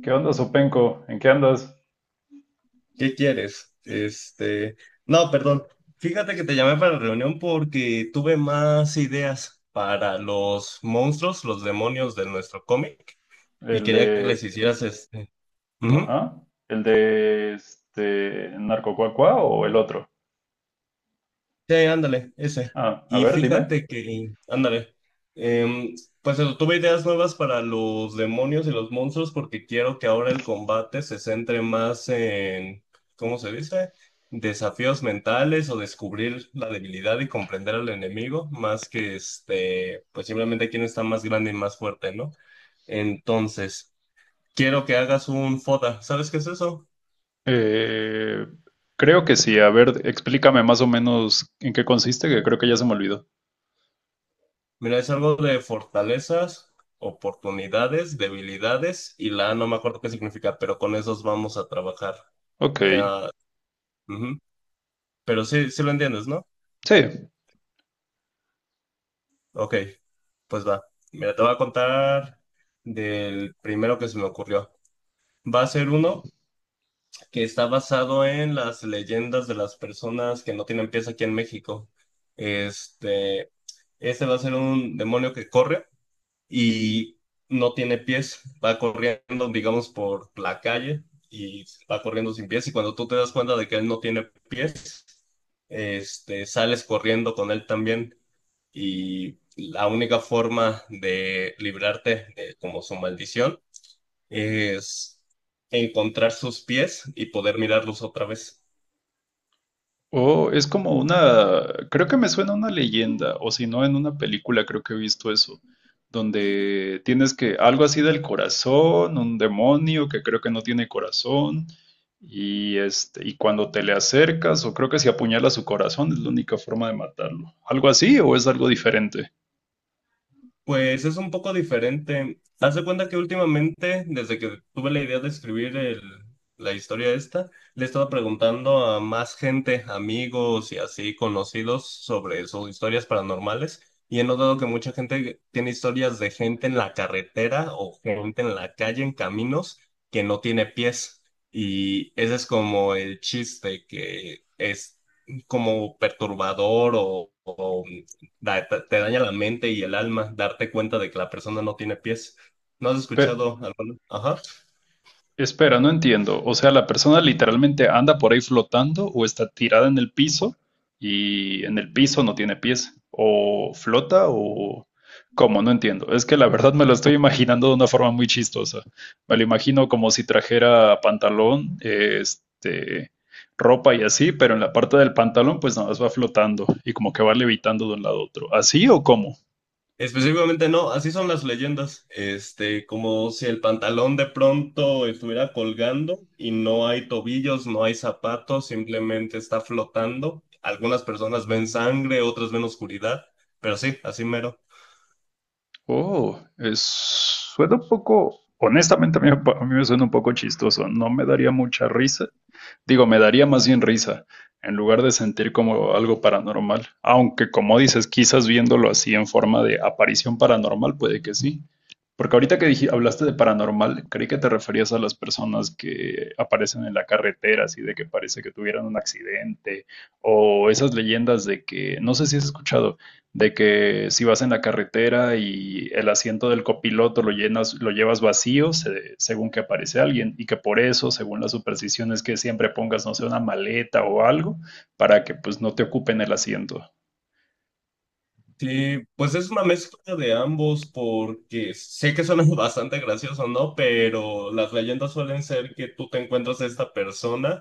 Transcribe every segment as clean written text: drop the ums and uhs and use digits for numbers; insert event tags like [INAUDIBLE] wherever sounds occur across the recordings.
¿Qué onda, Sopenco? ¿En qué andas? ¿Qué quieres? Este, no, perdón. Fíjate que te llamé para la reunión porque tuve más ideas para los monstruos, los demonios de nuestro cómic, y ¿El quería que les de... hicieras Ujú. Ajá. ¿El de Narcocuacua o el otro? Sí, ándale, ese. Ah, a Y ver, dime. fíjate que, em, pues eso, tuve ideas nuevas para los demonios y los monstruos porque quiero que ahora el combate se centre más en, ¿cómo se dice? Desafíos mentales o descubrir la debilidad y comprender al enemigo, más que pues simplemente quién está más grande y más fuerte, ¿no? Entonces, quiero que hagas un FODA. ¿Sabes qué es eso? Eh, creo que sí. A ver, explícame más o menos en qué consiste, que creo que ya se me olvidó. Mira, es algo de fortalezas, oportunidades, debilidades y la A no me acuerdo qué significa, pero con esos vamos a trabajar. Ok. Eh, ah, ujú. Pero sí lo entiendes, ¿no? Sí. Ok, pues va. Mira, te voy a contar del primero que se me ocurrió. Va a ser uno que está basado en las leyendas de las personas que no tienen pies aquí en México. Este, este va a ser un demonio que corre y no tiene pies, va corriendo, digamos, por la calle y va corriendo sin pies y cuando tú te das cuenta de que él no tiene pies, sales corriendo con él también y la única forma de librarte de como su maldición es encontrar sus pies y poder mirarlos otra vez. Oh, es como una, creo que me suena una leyenda, o si no, en una película creo que he visto eso, donde tienes que, algo así del corazón, un demonio que creo que no tiene corazón, y y cuando te le acercas, o creo que si apuñalas su corazón es la única forma de matarlo. ¿Algo así o es algo diferente? Pues es un poco diferente. Haz de cuenta que últimamente, desde que tuve la idea de escribir la historia esta, le he estado preguntando a más gente, amigos y así conocidos sobre sus historias paranormales y he notado que mucha gente tiene historias de gente en la carretera o gente en la calle, en caminos, que no tiene pies. Y ese es como el chiste que es como perturbador o te daña la mente y el alma darte cuenta de que la persona no tiene pies. ¿No has escuchado alguno? Ajá. Espera, no entiendo. O sea, la persona literalmente anda por ahí flotando o está tirada en el piso y en el piso no tiene pies. O flota o... ¿Cómo? No entiendo. Es que la verdad me lo estoy imaginando de una forma muy chistosa. Me lo imagino como si trajera pantalón, ropa y así, pero en la parte del pantalón pues nada más va flotando y como que va levitando de un lado a otro. ¿Así o cómo? Específicamente no, así son las leyendas. Este, como si el pantalón de pronto estuviera colgando y no hay tobillos, no hay zapatos, simplemente está flotando. Algunas personas ven sangre, otras ven oscuridad, pero sí, así mero. Oh, es, suena un poco, honestamente a mí, a mí me suena un poco chistoso, no me daría mucha risa, digo, me daría más bien risa, en lugar de sentir como algo paranormal, aunque como dices, quizás viéndolo así en forma de aparición paranormal, puede que sí, porque ahorita que hablaste de paranormal, creí que te referías a las personas que aparecen en la carretera, así de que parece que tuvieran un accidente, o esas leyendas de que, no sé si has escuchado de que si vas en la carretera y el asiento del copiloto lo llenas, lo llevas vacío según que aparece alguien y que por eso, según las supersticiones, que siempre pongas, no sé, una maleta o algo para que pues no te ocupen el asiento. Sí, pues es una mezcla de ambos porque sé que suena [LAUGHS] bastante gracioso, ¿no? Pero las leyendas suelen ser que tú te encuentras a esta persona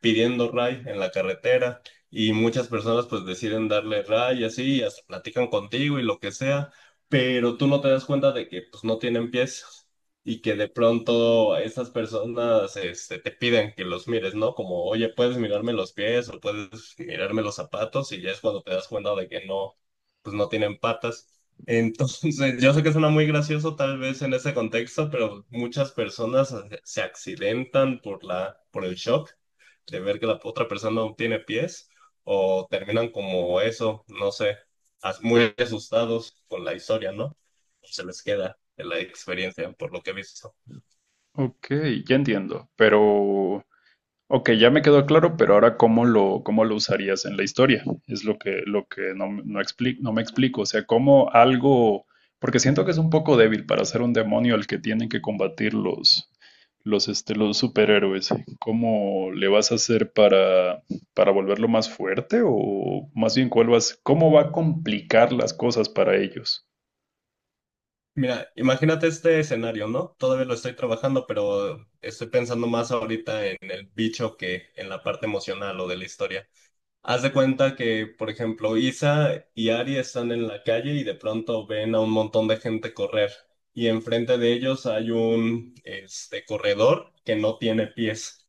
pidiendo ray en la carretera y muchas personas pues deciden darle ray y así, y hasta platican contigo y lo que sea, pero tú no te das cuenta de que pues no tienen pies y que de pronto esas personas te piden que los mires, ¿no? Como, oye, puedes mirarme los pies o puedes mirarme los zapatos y ya es cuando te das cuenta de que pues no tienen patas. Entonces, [LAUGHS] yo sé que suena muy gracioso tal vez en ese contexto, pero muchas personas se accidentan por el shock de ver que la otra persona no tiene pies o terminan como eso, no sé, muy asustados con la historia, ¿no? Se les queda de la experiencia, por lo que he visto. Ok, ya entiendo, pero ok, ya me quedó claro, pero ahora cómo lo usarías en la historia. Es lo que, no me explico. O sea, cómo algo, porque siento que es un poco débil para ser un demonio al que tienen que combatir los superhéroes. ¿Cómo le vas a hacer para volverlo más fuerte? O más bien, ¿cuál vas, cómo va a complicar las cosas para ellos? Mira, imagínate este escenario, ¿no? Todavía lo estoy trabajando, pero estoy pensando más ahorita en el bicho que en la parte emocional o de la historia. Haz de cuenta que, por ejemplo, Isa y Ari están en la calle y de pronto ven a un montón de gente correr. Y enfrente de ellos hay un corredor que no tiene pies,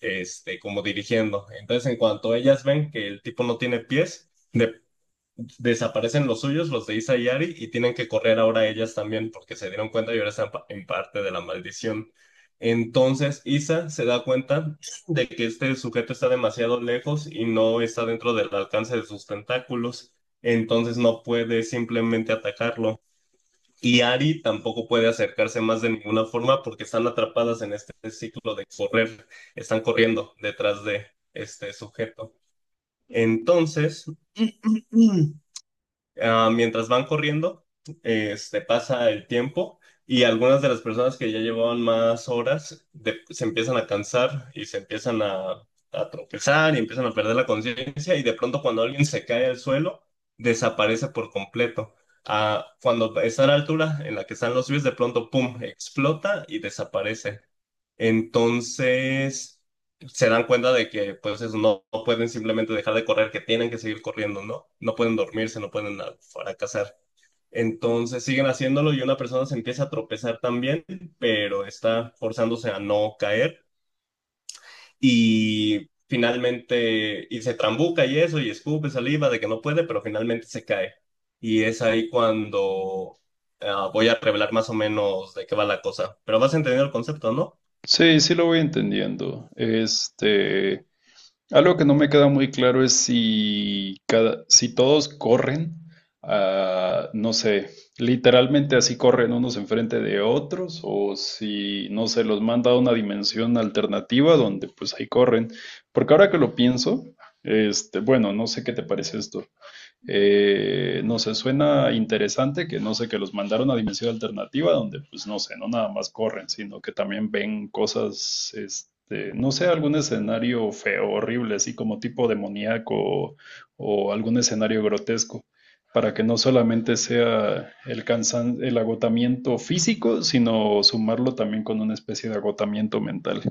como dirigiendo. Entonces, en cuanto ellas ven que el tipo no tiene pies, de desaparecen los suyos, los de Isa y Ari, y tienen que correr ahora ellas también porque se dieron cuenta y ahora están en parte de la maldición. Entonces Isa se da cuenta de que este sujeto está demasiado lejos y no está dentro del alcance de sus tentáculos, entonces no puede simplemente atacarlo. Y Ari tampoco puede acercarse más de ninguna forma porque están atrapadas en este ciclo de correr, están corriendo detrás de este sujeto. Entonces, [CLEARS THROAT] mientras van corriendo, pasa el tiempo y algunas de las personas que ya llevaban más horas se empiezan a cansar y se empiezan a tropezar y empiezan a perder la conciencia y de pronto cuando alguien se cae al suelo, desaparece por completo. Ah, cuando está a la altura en la que están los pies, de pronto, ¡pum!, explota y desaparece. Entonces se dan cuenta de que pues eso, no pueden simplemente dejar de correr, que tienen que seguir corriendo, ¿no? No pueden dormirse, no pueden fracasar. Entonces siguen haciéndolo y una persona se empieza a tropezar también, pero está forzándose a no caer y finalmente y se trambuca y eso y escupe saliva de que no puede, pero finalmente se cae. Y es ahí cuando voy a revelar más o menos de qué va la cosa. Pero vas a entender el concepto, ¿no? Sí, sí lo voy entendiendo. Algo que no me queda muy claro es si cada, si todos corren, no sé, literalmente así corren unos enfrente de otros, o si, no sé, los manda a una dimensión alternativa donde pues ahí corren. Porque ahora que lo pienso, bueno, no sé qué te parece esto. No sé, suena interesante que no sé, que los mandaron a dimensión alternativa donde pues no sé, no nada más corren, sino que también ven cosas, no sé, algún escenario feo, horrible, así como tipo demoníaco o algún escenario grotesco, para que no solamente sea el agotamiento físico, sino sumarlo también con una especie de agotamiento mental.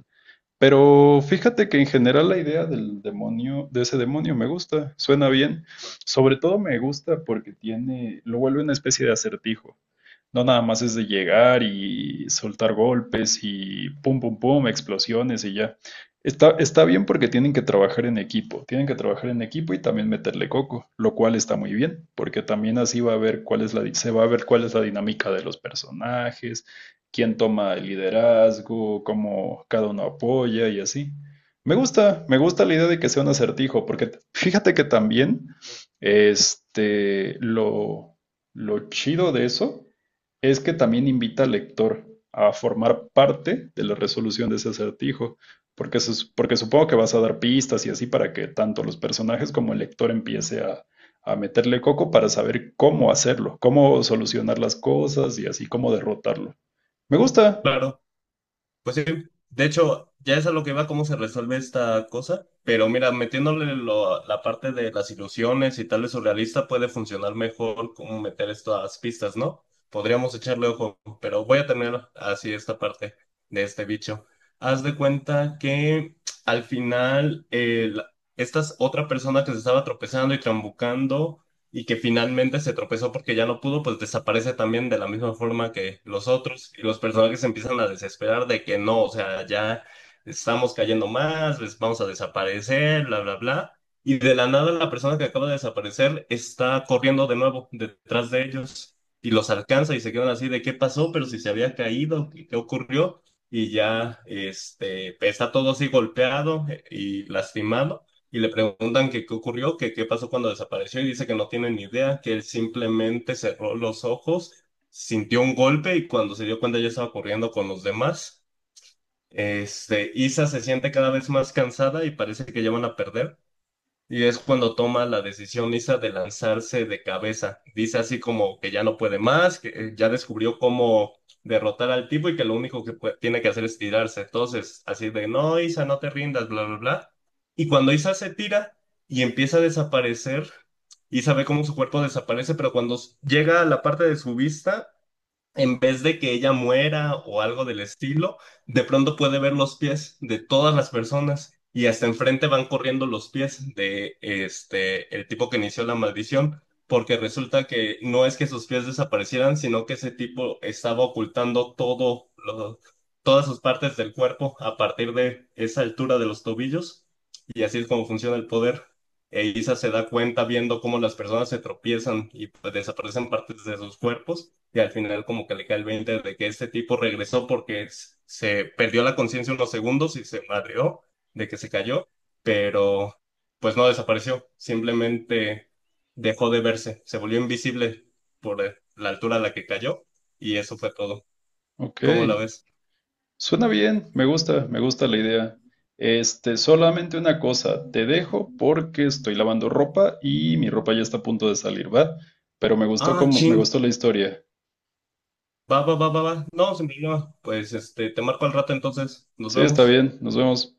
Pero fíjate que en general la idea del demonio, de ese demonio me gusta, suena bien. Sobre todo me gusta porque tiene, lo vuelve una especie de acertijo. No nada más es de llegar y soltar golpes y pum, pum, pum, explosiones y ya. Está bien porque tienen que trabajar en equipo, tienen que trabajar en equipo y también meterle coco, lo cual está muy bien, porque también así va a ver cuál es se va a ver cuál es la dinámica de los personajes, quién toma el liderazgo, cómo cada uno apoya y así. Me gusta la idea de que sea un acertijo, porque fíjate que también este, lo, lo chido de eso es que también invita al lector a formar parte de la resolución de ese acertijo, porque, porque supongo que vas a dar pistas y así para que tanto los personajes como el lector empiece a meterle coco para saber cómo hacerlo, cómo solucionar las cosas y así cómo derrotarlo. Me gusta. Claro. Pues sí, de hecho, ya es a lo que va cómo se resuelve esta cosa, pero mira, metiéndole la parte de las ilusiones y tal vez surrealista puede funcionar mejor como meter esto a las pistas, ¿no? Podríamos echarle ojo, pero voy a terminar así esta parte de este bicho. Haz de cuenta que al final esta es otra persona que se estaba tropezando y trambucando y que finalmente se tropezó porque ya no pudo, pues desaparece también de la misma forma que los otros y los personajes empiezan a desesperar de que no, o sea, ya estamos cayendo más, les vamos a desaparecer, bla, bla, bla. Y de la nada la persona que acaba de desaparecer está corriendo de nuevo detrás de ellos y los alcanza y se quedan así de qué pasó, pero si se había caído, qué ocurrió. Y ya está todo así golpeado y lastimado y le preguntan que qué ocurrió, que qué pasó cuando desapareció y dice que no tiene ni idea, que él simplemente cerró los ojos, sintió un golpe y cuando se dio cuenta ya estaba corriendo con los demás. Este, Isa se siente cada vez más cansada y parece que ya van a perder. Y es cuando toma la decisión Lisa de lanzarse de cabeza. Dice así como que ya no puede más, que ya descubrió cómo derrotar al tipo y que lo único que tiene que hacer es tirarse. Entonces, así de, no, Isa, no te rindas, bla, bla, bla. Y cuando Isa se tira y empieza a desaparecer, Isa ve cómo su cuerpo desaparece, pero cuando llega a la parte de su vista, en vez de que ella muera o algo del estilo, de pronto puede ver los pies de todas las personas y hasta enfrente van corriendo los pies de este el tipo que inició la maldición, porque resulta que no es que sus pies desaparecieran, sino que ese tipo estaba ocultando todas sus partes del cuerpo a partir de esa altura de los tobillos y así es como funciona el poder. E Isa se da cuenta viendo cómo las personas se tropiezan y pues, desaparecen partes de sus cuerpos y al final como que le cae el 20 de que este tipo regresó porque se perdió la conciencia unos segundos y se madreó de que se cayó, pero pues no desapareció, simplemente dejó de verse, se volvió invisible por la altura a la que cayó y eso fue todo. Ok. ¿Cómo la ves? Suena bien. Me gusta. Me gusta la idea. Solamente una cosa. Te dejo porque estoy lavando ropa y mi ropa ya está a punto de salir, ¿va? Pero me gustó Ah, como, me chin. gustó la historia. Va, va. No, sin problema. Pues este, te marco al rato entonces. Nos Sí, está vemos. bien. Nos vemos.